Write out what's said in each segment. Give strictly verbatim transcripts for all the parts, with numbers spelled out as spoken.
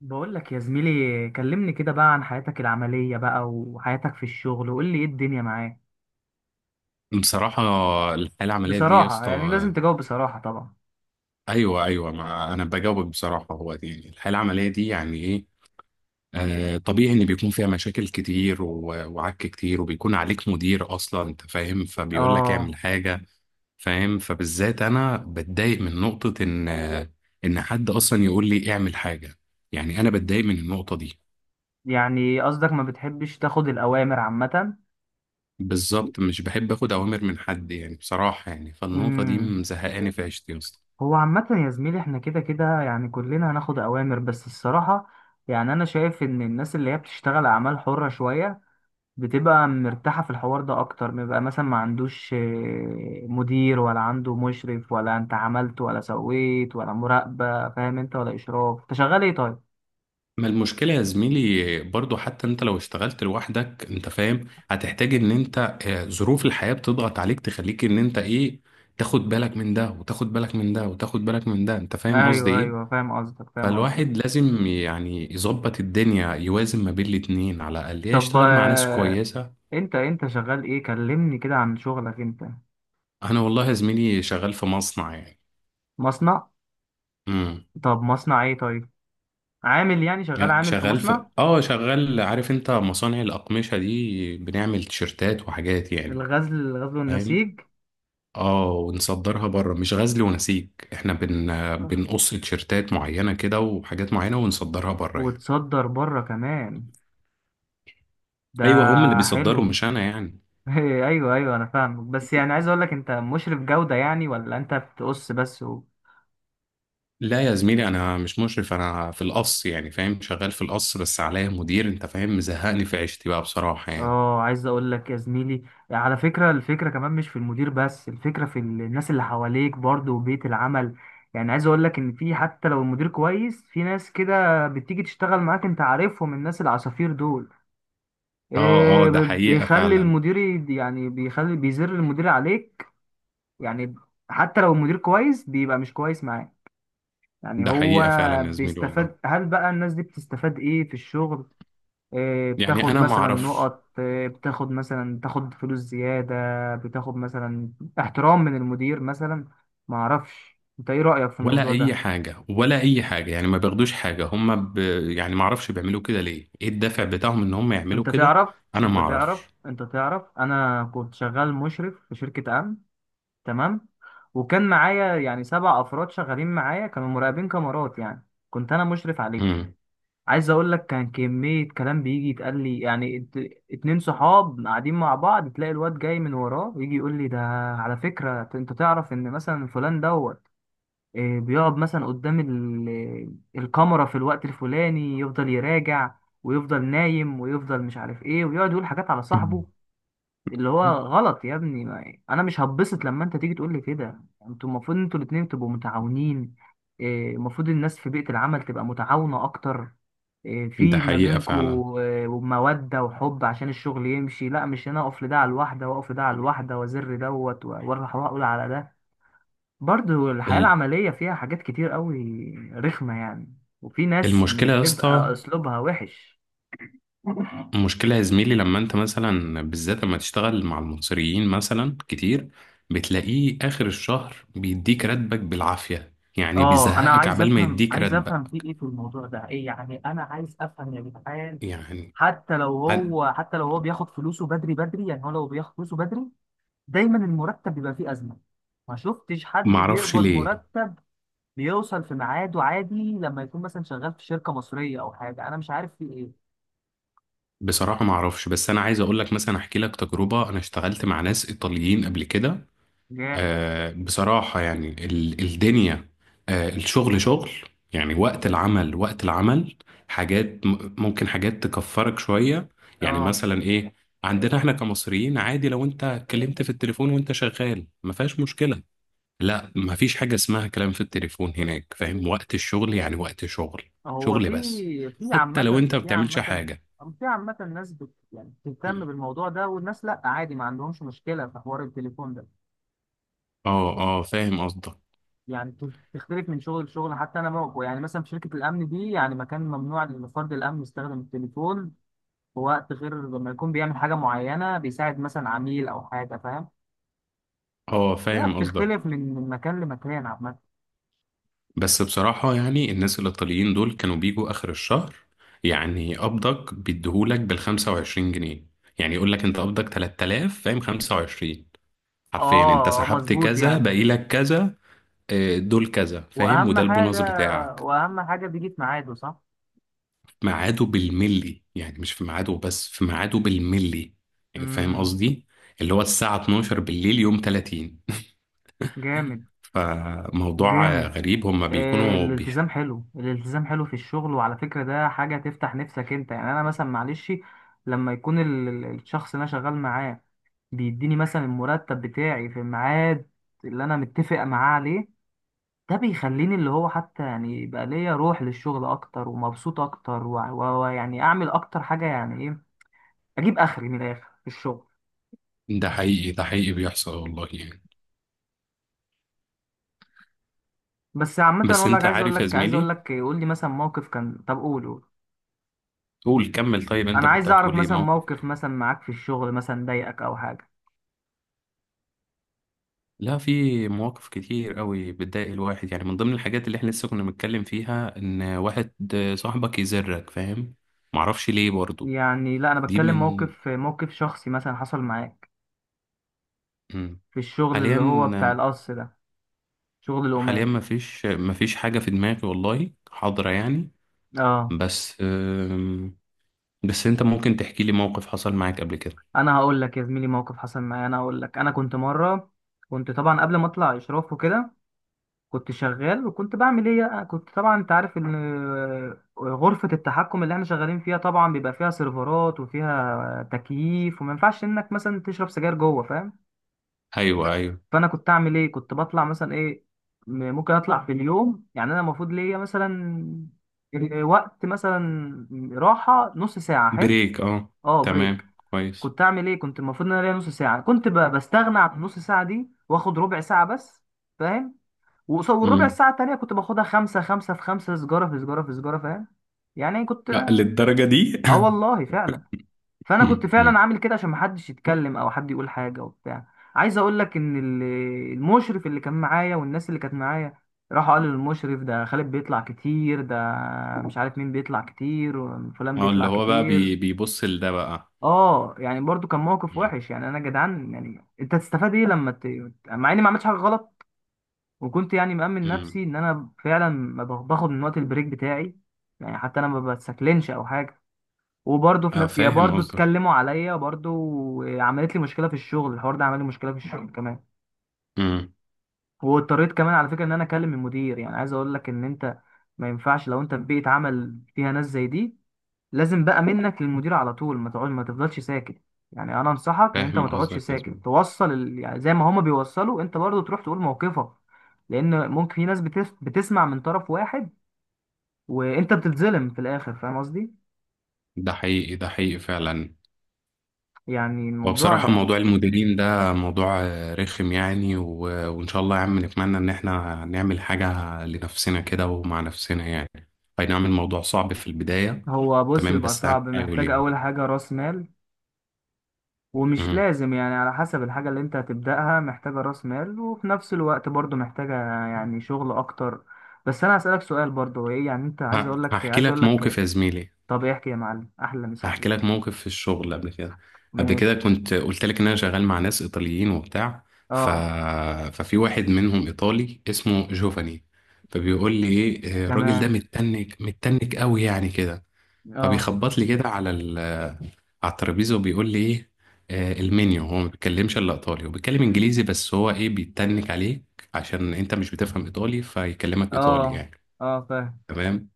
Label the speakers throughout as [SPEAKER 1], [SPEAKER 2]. [SPEAKER 1] بقول لك يا زميلي، كلمني كده بقى عن حياتك العملية بقى، وحياتك في الشغل، وقول لي ايه الدنيا معاك.
[SPEAKER 2] بصراحة، الحياة العملية دي يا
[SPEAKER 1] بصراحة يعني لازم
[SPEAKER 2] اسطى.
[SPEAKER 1] تجاوب بصراحة طبعا.
[SPEAKER 2] أيوه، أيوه، ما أنا بجاوبك بصراحة. هو دي الحياة العملية دي يعني إيه؟ آه طبيعي إن بيكون فيها مشاكل كتير و- وعك كتير وبيكون عليك مدير أصلا، أنت فاهم، فبيقول لك
[SPEAKER 1] اه.
[SPEAKER 2] اعمل حاجة. فاهم؟ فبالذات أنا بتضايق من نقطة إن، إن حد أصلا يقول لي اعمل حاجة. يعني أنا بتضايق من النقطة دي
[SPEAKER 1] يعني قصدك ما بتحبش تاخد الأوامر عامة؟
[SPEAKER 2] بالظبط. مش بحب آخد أوامر من حد يعني، بصراحة يعني، فالنقطة دي
[SPEAKER 1] امم.
[SPEAKER 2] مزهقاني في عيشتي يا اسطى.
[SPEAKER 1] هو عامة يا زميلي، احنا كده كده يعني كلنا هناخد أوامر، بس الصراحة يعني أنا شايف إن الناس اللي هي بتشتغل أعمال حرة شوية بتبقى مرتاحة في الحوار ده أكتر، بيبقى مثلا ما عندوش آه، مدير، ولا عنده مشرف، ولا أنت عملت ولا سويت ولا مراقبة، فاهم أنت؟ ولا إشراف. أنت شغال إيه طيب؟
[SPEAKER 2] ما المشكلة يا زميلي برضو، حتى انت لو اشتغلت لوحدك انت فاهم، هتحتاج ان انت، آه، ظروف الحياة بتضغط عليك تخليك ان انت ايه، تاخد بالك من ده وتاخد بالك من ده وتاخد بالك من ده، انت فاهم قصدي
[SPEAKER 1] أيوه
[SPEAKER 2] ايه.
[SPEAKER 1] أيوه، فاهم قصدك فاهم قصدك
[SPEAKER 2] فالواحد لازم يعني يظبط الدنيا، يوازن ما بين الاتنين على الاقل، يا
[SPEAKER 1] طب
[SPEAKER 2] يشتغل مع ناس
[SPEAKER 1] آه،
[SPEAKER 2] كويسة.
[SPEAKER 1] أنت أنت شغال إيه؟ كلمني كده عن شغلك أنت.
[SPEAKER 2] انا والله يا زميلي شغال في مصنع يعني.
[SPEAKER 1] مصنع؟
[SPEAKER 2] امم.
[SPEAKER 1] طب مصنع إيه طيب؟ عامل يعني، شغال عامل في
[SPEAKER 2] شغال في
[SPEAKER 1] مصنع.
[SPEAKER 2] اه، شغال، عارف انت مصانع الأقمشة دي، بنعمل تيشرتات وحاجات يعني.
[SPEAKER 1] الغزل الغزل
[SPEAKER 2] فاهم؟
[SPEAKER 1] والنسيج.
[SPEAKER 2] اه، ونصدرها بره. مش غزل ونسيج، احنا بن
[SPEAKER 1] آه،
[SPEAKER 2] بنقص تيشيرتات معينة كده وحاجات معينة ونصدرها بره يعني.
[SPEAKER 1] وتصدر بره كمان ده.
[SPEAKER 2] ايوه، هم اللي
[SPEAKER 1] حلو.
[SPEAKER 2] بيصدروا مش انا يعني.
[SPEAKER 1] ايوه ايوه، انا فاهمك، بس يعني عايز اقول لك، انت مشرف جودة يعني ولا انت بتقص بس و...
[SPEAKER 2] لا يا زميلي، انا مش مشرف، انا في القص يعني، فاهم، شغال في القص بس عليا مدير، انت فاهم، مزهقني في عيشتي بقى بصراحة يعني.
[SPEAKER 1] اه، عايز اقول لك يا زميلي، على فكرة الفكرة كمان مش في المدير بس، الفكرة في ال- الناس اللي حواليك برضه، وبيئة العمل. يعني عايز اقول لك ان في، حتى لو المدير كويس، في ناس كده بتيجي تشتغل معاك، انت عارفهم الناس العصافير دول.
[SPEAKER 2] اه، اه،
[SPEAKER 1] إيه،
[SPEAKER 2] ده
[SPEAKER 1] ب-
[SPEAKER 2] حقيقة
[SPEAKER 1] بيخلي
[SPEAKER 2] فعلا.
[SPEAKER 1] المدير، ي- يعني بيخلي بيزر المدير عليك. يعني حتى لو المدير كويس بيبقى مش كويس معاك. يعني
[SPEAKER 2] ده
[SPEAKER 1] هو
[SPEAKER 2] حقيقة فعلا يا زميلي والله،
[SPEAKER 1] بيستفاد، هل بقى الناس دي بتستفاد ايه في الشغل؟ إيه،
[SPEAKER 2] يعني
[SPEAKER 1] بتاخد
[SPEAKER 2] انا ما
[SPEAKER 1] مثلا
[SPEAKER 2] اعرفش.
[SPEAKER 1] نقط؟ إيه، بتاخد مثلا، بتاخد فلوس زيادة؟ بتاخد مثلا احترام من المدير مثلا؟ ما اعرفش، انت ايه رأيك في
[SPEAKER 2] ولا
[SPEAKER 1] الموضوع
[SPEAKER 2] اي
[SPEAKER 1] ده؟
[SPEAKER 2] حاجة، ولا اي حاجة يعني، ما بياخدوش حاجة هم ب... يعني ما اعرفش بيعملوا كده ليه، ايه الدافع بتاعهم ان هم يعملوا
[SPEAKER 1] انت
[SPEAKER 2] كده.
[SPEAKER 1] تعرف
[SPEAKER 2] انا
[SPEAKER 1] انت
[SPEAKER 2] ما
[SPEAKER 1] تعرف
[SPEAKER 2] اعرفش.
[SPEAKER 1] انت تعرف انا كنت شغال مشرف في شركة امن. تمام. وكان معايا يعني سبع افراد شغالين معايا، كانوا مراقبين كاميرات يعني، كنت انا مشرف عليهم.
[SPEAKER 2] مم.
[SPEAKER 1] عايز اقول لك، كان كمية كلام بيجي يتقال لي، يعني ات- اتنين صحاب قاعدين مع بعض، تلاقي الواد جاي من وراه يجي يقول لي، ده على فكرة انت تعرف ان مثلا فلان دوت إيه، بيقعد مثلا قدام ال- الكاميرا في الوقت الفلاني، يفضل يراجع ويفضل نايم ويفضل مش عارف ايه، ويقعد يقول حاجات على صاحبه. اللي هو غلط يا ابني، ما انا مش هتبسط لما انت تيجي تقول لي كده. انتوا المفروض انتوا الاتنين تبقوا متعاونين. إيه، المفروض الناس في بيئة العمل تبقى متعاونة اكتر. إيه،
[SPEAKER 2] ده
[SPEAKER 1] في ما
[SPEAKER 2] حقيقة فعلا.
[SPEAKER 1] بينكوا إيه، مودة وحب عشان الشغل يمشي، لا مش انا اقف لده على الواحدة واقف لده على الواحدة وازر دوت و- واروح اقول على ده. برضو الحياة
[SPEAKER 2] ال-
[SPEAKER 1] العملية فيها حاجات كتير قوي رخمة يعني، وفي ناس
[SPEAKER 2] المشكلة يا
[SPEAKER 1] بتبقى
[SPEAKER 2] اسطى،
[SPEAKER 1] اسلوبها وحش.
[SPEAKER 2] المشكلة يا زميلي لما انت مثلا بالذات لما تشتغل مع المصريين مثلا كتير، بتلاقيه آخر الشهر بيديك راتبك بالعافية يعني،
[SPEAKER 1] اه، انا
[SPEAKER 2] بيزهقك
[SPEAKER 1] عايز
[SPEAKER 2] عبال ما
[SPEAKER 1] افهم،
[SPEAKER 2] يديك
[SPEAKER 1] عايز افهم في
[SPEAKER 2] راتبك
[SPEAKER 1] ايه في الموضوع ده ايه، يعني انا عايز افهم يا جدعان.
[SPEAKER 2] يعني.
[SPEAKER 1] حتى لو
[SPEAKER 2] أنا
[SPEAKER 1] هو حتى لو هو بياخد فلوسه بدري بدري، يعني هو لو بياخد فلوسه بدري، دايما المرتب بيبقى فيه ازمه. ما شفتش حد
[SPEAKER 2] معرفش
[SPEAKER 1] بيقبض
[SPEAKER 2] ليه.
[SPEAKER 1] مرتب بيوصل في ميعاده عادي، لما يكون مثلا شغال في شركه مصريه او حاجه، انا مش عارف في ايه.
[SPEAKER 2] بصراحة معرفش، بس أنا عايز أقول لك مثلا، أحكي لك تجربة: أنا اشتغلت مع ناس إيطاليين قبل كده.
[SPEAKER 1] جا.
[SPEAKER 2] آه، بصراحة يعني ال- الدنيا، آه، الشغل شغل يعني. وقت العمل وقت العمل. حاجات م- ممكن حاجات تكفرك شوية يعني.
[SPEAKER 1] اه.
[SPEAKER 2] مثلا ايه؟ عندنا احنا كمصريين، عادي لو انت اتكلمت في التليفون وانت شغال، ما فيهاش مشكلة. لا، ما فيش حاجة اسمها كلام في التليفون هناك، فاهم، وقت الشغل يعني وقت شغل،
[SPEAKER 1] هو
[SPEAKER 2] شغل بس.
[SPEAKER 1] في في عامه،
[SPEAKER 2] حتى لو انت ما
[SPEAKER 1] في
[SPEAKER 2] بتعملش
[SPEAKER 1] عامه
[SPEAKER 2] حاجة.
[SPEAKER 1] في عامه ناس بت يعني بتهتم بالموضوع ده، والناس لا، عادي ما عندهمش مشكله في حوار التليفون ده.
[SPEAKER 2] اه، اه، فاهم قصدك.
[SPEAKER 1] يعني بت- بتختلف من شغل لشغل، حتى انا موقع، يعني مثلا في شركه الامن دي يعني، مكان ممنوع لفرد الامن يستخدم التليفون في وقت غير لما يكون بيعمل حاجه معينه، بيساعد مثلا عميل او حاجه، فاهم.
[SPEAKER 2] اه،
[SPEAKER 1] هي
[SPEAKER 2] فاهم قصدك.
[SPEAKER 1] بتختلف من من مكان لمكان عامه.
[SPEAKER 2] بس بصراحة يعني الناس الإيطاليين دول كانوا بيجوا آخر الشهر، يعني قبضك بيديهولك بالخمسة وعشرين جنيه، يعني يقولك أنت قبضك تلات آلاف فاهم، خمسة وعشرين، حرفيا، أنت
[SPEAKER 1] اه
[SPEAKER 2] سحبت
[SPEAKER 1] مظبوط
[SPEAKER 2] كذا،
[SPEAKER 1] يعني.
[SPEAKER 2] باقيلك كذا، آه، دول كذا فاهم،
[SPEAKER 1] واهم
[SPEAKER 2] وده
[SPEAKER 1] حاجه
[SPEAKER 2] البونص بتاعك.
[SPEAKER 1] واهم حاجه بيجي في ميعاده، صح.
[SPEAKER 2] في ميعاده بالملي، يعني مش في ميعاده بس، في ميعاده بالملي يعني، فاهم
[SPEAKER 1] امم.
[SPEAKER 2] قصدي. اللي هو الساعة اتناشر بالليل يوم تلاتين.
[SPEAKER 1] جامد.
[SPEAKER 2] فموضوع آه،
[SPEAKER 1] جامد.
[SPEAKER 2] غريب، هما
[SPEAKER 1] آه،
[SPEAKER 2] بيكونوا بيح...
[SPEAKER 1] الالتزام حلو، الالتزام حلو في الشغل، وعلى فكرة ده حاجة تفتح نفسك انت، يعني انا مثلا معلش، لما يكون ال- ال- الشخص اللي انا شغال معاه بيديني مثلا المرتب بتاعي في الميعاد اللي انا متفق معاه عليه، ده بيخليني اللي هو حتى يعني يبقى ليا روح للشغل اكتر، ومبسوط اكتر، وع- و- ويعني اعمل اكتر حاجة، يعني ايه، اجيب اخري من الاخر في الشغل.
[SPEAKER 2] ده حقيقي، ده حقيقي بيحصل والله يعني.
[SPEAKER 1] بس عامة
[SPEAKER 2] بس
[SPEAKER 1] اقول لك،
[SPEAKER 2] انت
[SPEAKER 1] عايز اقول
[SPEAKER 2] عارف يا
[SPEAKER 1] لك عايز اقول
[SPEAKER 2] زميلي،
[SPEAKER 1] لك، قول لي مثلا موقف كان، طب قول قول،
[SPEAKER 2] قول كمل، طيب انت
[SPEAKER 1] انا
[SPEAKER 2] كنت
[SPEAKER 1] عايز اعرف
[SPEAKER 2] هتقول ايه،
[SPEAKER 1] مثلا
[SPEAKER 2] موقف
[SPEAKER 1] موقف
[SPEAKER 2] ايه؟
[SPEAKER 1] مثلا معاك في الشغل مثلا ضايقك او حاجه.
[SPEAKER 2] لا، في مواقف كتير قوي بتضايق الواحد يعني. من ضمن الحاجات اللي احنا لسه كنا بنتكلم فيها، ان واحد صاحبك يزرك، فاهم، معرفش ليه برضو.
[SPEAKER 1] يعني لا، انا
[SPEAKER 2] دي
[SPEAKER 1] بتكلم
[SPEAKER 2] من،
[SPEAKER 1] موقف، موقف شخصي مثلا حصل معاك،
[SPEAKER 2] مم.
[SPEAKER 1] في الشغل
[SPEAKER 2] حاليا،
[SPEAKER 1] اللي هو بتاع القص ده، شغل
[SPEAKER 2] حاليا
[SPEAKER 1] القماش.
[SPEAKER 2] مفيش، مفيش حاجة في دماغي والله حاضرة يعني.
[SPEAKER 1] اه،
[SPEAKER 2] بس أم، بس انت ممكن تحكي لي موقف حصل معاك قبل كده.
[SPEAKER 1] انا هقول لك يا زميلي، موقف حصل معايا، انا هقول لك. انا كنت مره، كنت طبعا قبل ما اطلع اشراف وكده، كنت شغال وكنت بعمل ايه، أنا كنت طبعا انت عارف ان غرفه التحكم اللي احنا شغالين فيها طبعا بيبقى فيها سيرفرات وفيها تكييف، وما ينفعش انك مثلا تشرب سجاير جوه، فاهم.
[SPEAKER 2] ايوه، ايوه.
[SPEAKER 1] فانا كنت اعمل ايه، كنت بطلع مثلا ايه، م- ممكن اطلع في اليوم، يعني انا المفروض ليا مثلا ال- آه، وقت مثلا راحه نص ساعه، حلو.
[SPEAKER 2] بريك، اه.
[SPEAKER 1] اه بريك.
[SPEAKER 2] تمام، كويس.
[SPEAKER 1] كنت اعمل ايه، كنت المفروض ان انا ليا نص ساعه، كنت ب- بستغنى عن النص ساعه دي واخد ربع ساعه بس، فاهم. وقص- والربع
[SPEAKER 2] امم.
[SPEAKER 1] ساعه التانيه كنت باخدها خمسه، خمسه في خمسه، سجاره في سجاره في سجاره، فاهم. يعني كنت ب-
[SPEAKER 2] للدرجة دي؟
[SPEAKER 1] اه والله فعلا. فانا كنت
[SPEAKER 2] مم.
[SPEAKER 1] فعلا
[SPEAKER 2] مم.
[SPEAKER 1] عامل كده عشان محدش يتكلم او حد يقول حاجه وبتاع. عايز اقول لك ان ال- المشرف اللي كان معايا، والناس اللي كانت معايا، راحوا قالوا للمشرف، ده خالد بيطلع كتير، ده مش عارف مين بيطلع كتير، وفلان
[SPEAKER 2] اه، اللي
[SPEAKER 1] بيطلع
[SPEAKER 2] هو بقى
[SPEAKER 1] كتير.
[SPEAKER 2] بي بيبص لده بقى.
[SPEAKER 1] اه يعني برضو كان موقف
[SPEAKER 2] مم.
[SPEAKER 1] وحش يعني، انا جدعان يعني انت تستفاد ايه لما ت... مع اني ما عملتش حاجه غلط، وكنت يعني مأمن
[SPEAKER 2] مم.
[SPEAKER 1] نفسي ان انا فعلا ما باخد من وقت البريك بتاعي، يعني حتى انا ما بتسكلنش او حاجه، وبرضه في
[SPEAKER 2] اه،
[SPEAKER 1] نفس، يا
[SPEAKER 2] فاهم
[SPEAKER 1] برضه
[SPEAKER 2] قصدك.
[SPEAKER 1] اتكلموا عليا برضه. عملت لي مشكله في الشغل، الحوار ده عمل لي مشكله في الشغل كمان،
[SPEAKER 2] مم.
[SPEAKER 1] واضطريت كمان على فكره ان انا اكلم المدير. يعني عايز اقول لك ان انت، ما ينفعش لو انت في بيئه عمل فيها ناس زي دي، لازم بقى منك للمدير على طول، ما تقعد ما تفضلش ساكت. يعني انا انصحك ان انت ما
[SPEAKER 2] فاهم
[SPEAKER 1] تقعدش
[SPEAKER 2] قصدك يا
[SPEAKER 1] ساكت،
[SPEAKER 2] زميلي.
[SPEAKER 1] توصل ال... يعني زي ما هما بيوصلوا انت برضه تروح تقول موقفك، لان ممكن في ناس بتس... بتسمع من طرف واحد، وانت بتتظلم في الاخر، فاهم قصدي.
[SPEAKER 2] ده حقيقي، ده حقيقي فعلا.
[SPEAKER 1] يعني
[SPEAKER 2] هو بصراحة
[SPEAKER 1] الموضوع،
[SPEAKER 2] موضوع المديرين ده موضوع آه، رخم يعني و... وإن شاء الله يا عم، نتمنى إن إحنا نعمل حاجة لنفسنا كده ومع نفسنا يعني. أي نعم، الموضوع صعب في البداية.
[SPEAKER 1] هو بص،
[SPEAKER 2] تمام،
[SPEAKER 1] يبقى
[SPEAKER 2] بس
[SPEAKER 1] صعب،
[SPEAKER 2] هنحاول
[SPEAKER 1] محتاج
[SPEAKER 2] يعني.
[SPEAKER 1] أول حاجة رأس مال، ومش
[SPEAKER 2] مم.
[SPEAKER 1] لازم يعني، على حسب الحاجة اللي أنت هتبدأها، محتاجة رأس مال، وفي نفس الوقت برضو محتاجة يعني شغل أكتر. بس أنا هسألك سؤال برضو، هو إيه يعني أنت، عايز
[SPEAKER 2] ه-
[SPEAKER 1] أقول لك
[SPEAKER 2] هحكي
[SPEAKER 1] عايز أقول
[SPEAKER 2] لك
[SPEAKER 1] لك،
[SPEAKER 2] موقف يا زميلي.
[SPEAKER 1] طب احكي يا معلم، أحلى مسا
[SPEAKER 2] هحكي لك
[SPEAKER 1] عليك.
[SPEAKER 2] موقف في الشغل قبل كده. قبل كده
[SPEAKER 1] ماشي.
[SPEAKER 2] كنت قلت لك ان انا شغال مع ناس ايطاليين وبتاع. ف...
[SPEAKER 1] أه.
[SPEAKER 2] ففي واحد منهم ايطالي اسمه جوفاني، فبيقول لي ايه، آه، الراجل ده
[SPEAKER 1] تمام.
[SPEAKER 2] متنك متنك قوي يعني كده.
[SPEAKER 1] أه.
[SPEAKER 2] فبيخبط لي كده على ال... على الترابيزه وبيقول لي ايه، آه، المنيو. هو ما بيتكلمش الا ايطالي، وبيتكلم انجليزي بس. هو ايه بيتنك عليك عشان انت مش بتفهم ايطالي فيكلمك ايطالي
[SPEAKER 1] أه.
[SPEAKER 2] يعني.
[SPEAKER 1] أه فاهم.
[SPEAKER 2] تمام.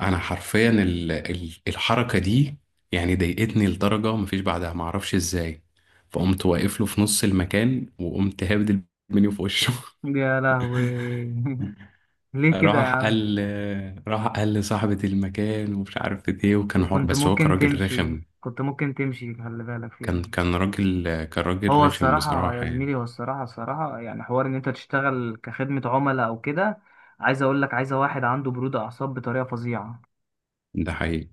[SPEAKER 2] انا حرفيا ال- ال- الحركه دي يعني ضايقتني لدرجه مفيش بعدها، معرفش ازاي. فقمت واقف له في نص المكان وقمت هابد المنيو في وشه.
[SPEAKER 1] يا لهوي. ليه كده يا
[SPEAKER 2] راح
[SPEAKER 1] عم؟
[SPEAKER 2] قال، راح قال لصاحبة المكان ومش عارف ايه، وكان حوار،
[SPEAKER 1] وكنت
[SPEAKER 2] بس هو كان
[SPEAKER 1] ممكن
[SPEAKER 2] راجل
[SPEAKER 1] تمشي،
[SPEAKER 2] رخم.
[SPEAKER 1] كنت ممكن تمشي، خلي بالك فيها.
[SPEAKER 2] كان، كان راجل، كان راجل
[SPEAKER 1] هو
[SPEAKER 2] رخم
[SPEAKER 1] الصراحة يا
[SPEAKER 2] بصراحة يعني.
[SPEAKER 1] زميلي، هو الصراحة، الصراحة يعني حوار إن أنت تشتغل كخدمة عملاء أو كده، عايز أقول لك، عايزة واحد عنده برود أعصاب بطريقة فظيعة،
[SPEAKER 2] ده حقيقي،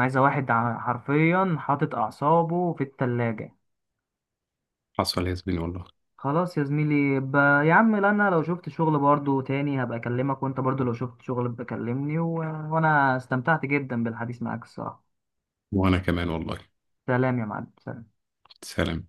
[SPEAKER 1] عايزة واحد ع- حرفيا حاطط أعصابه في التلاجة.
[SPEAKER 2] حصل يا زميلي والله.
[SPEAKER 1] خلاص يا زميلي ب... يا عم، لا أنا لو شفت شغل برضو تاني هبقى أكلمك، وأنت برضو لو شفت شغل بكلمني و... وأنا استمتعت جدا بالحديث معاك الصراحة.
[SPEAKER 2] وانا كمان والله.
[SPEAKER 1] سلام يا معلم. سلام.
[SPEAKER 2] سلام.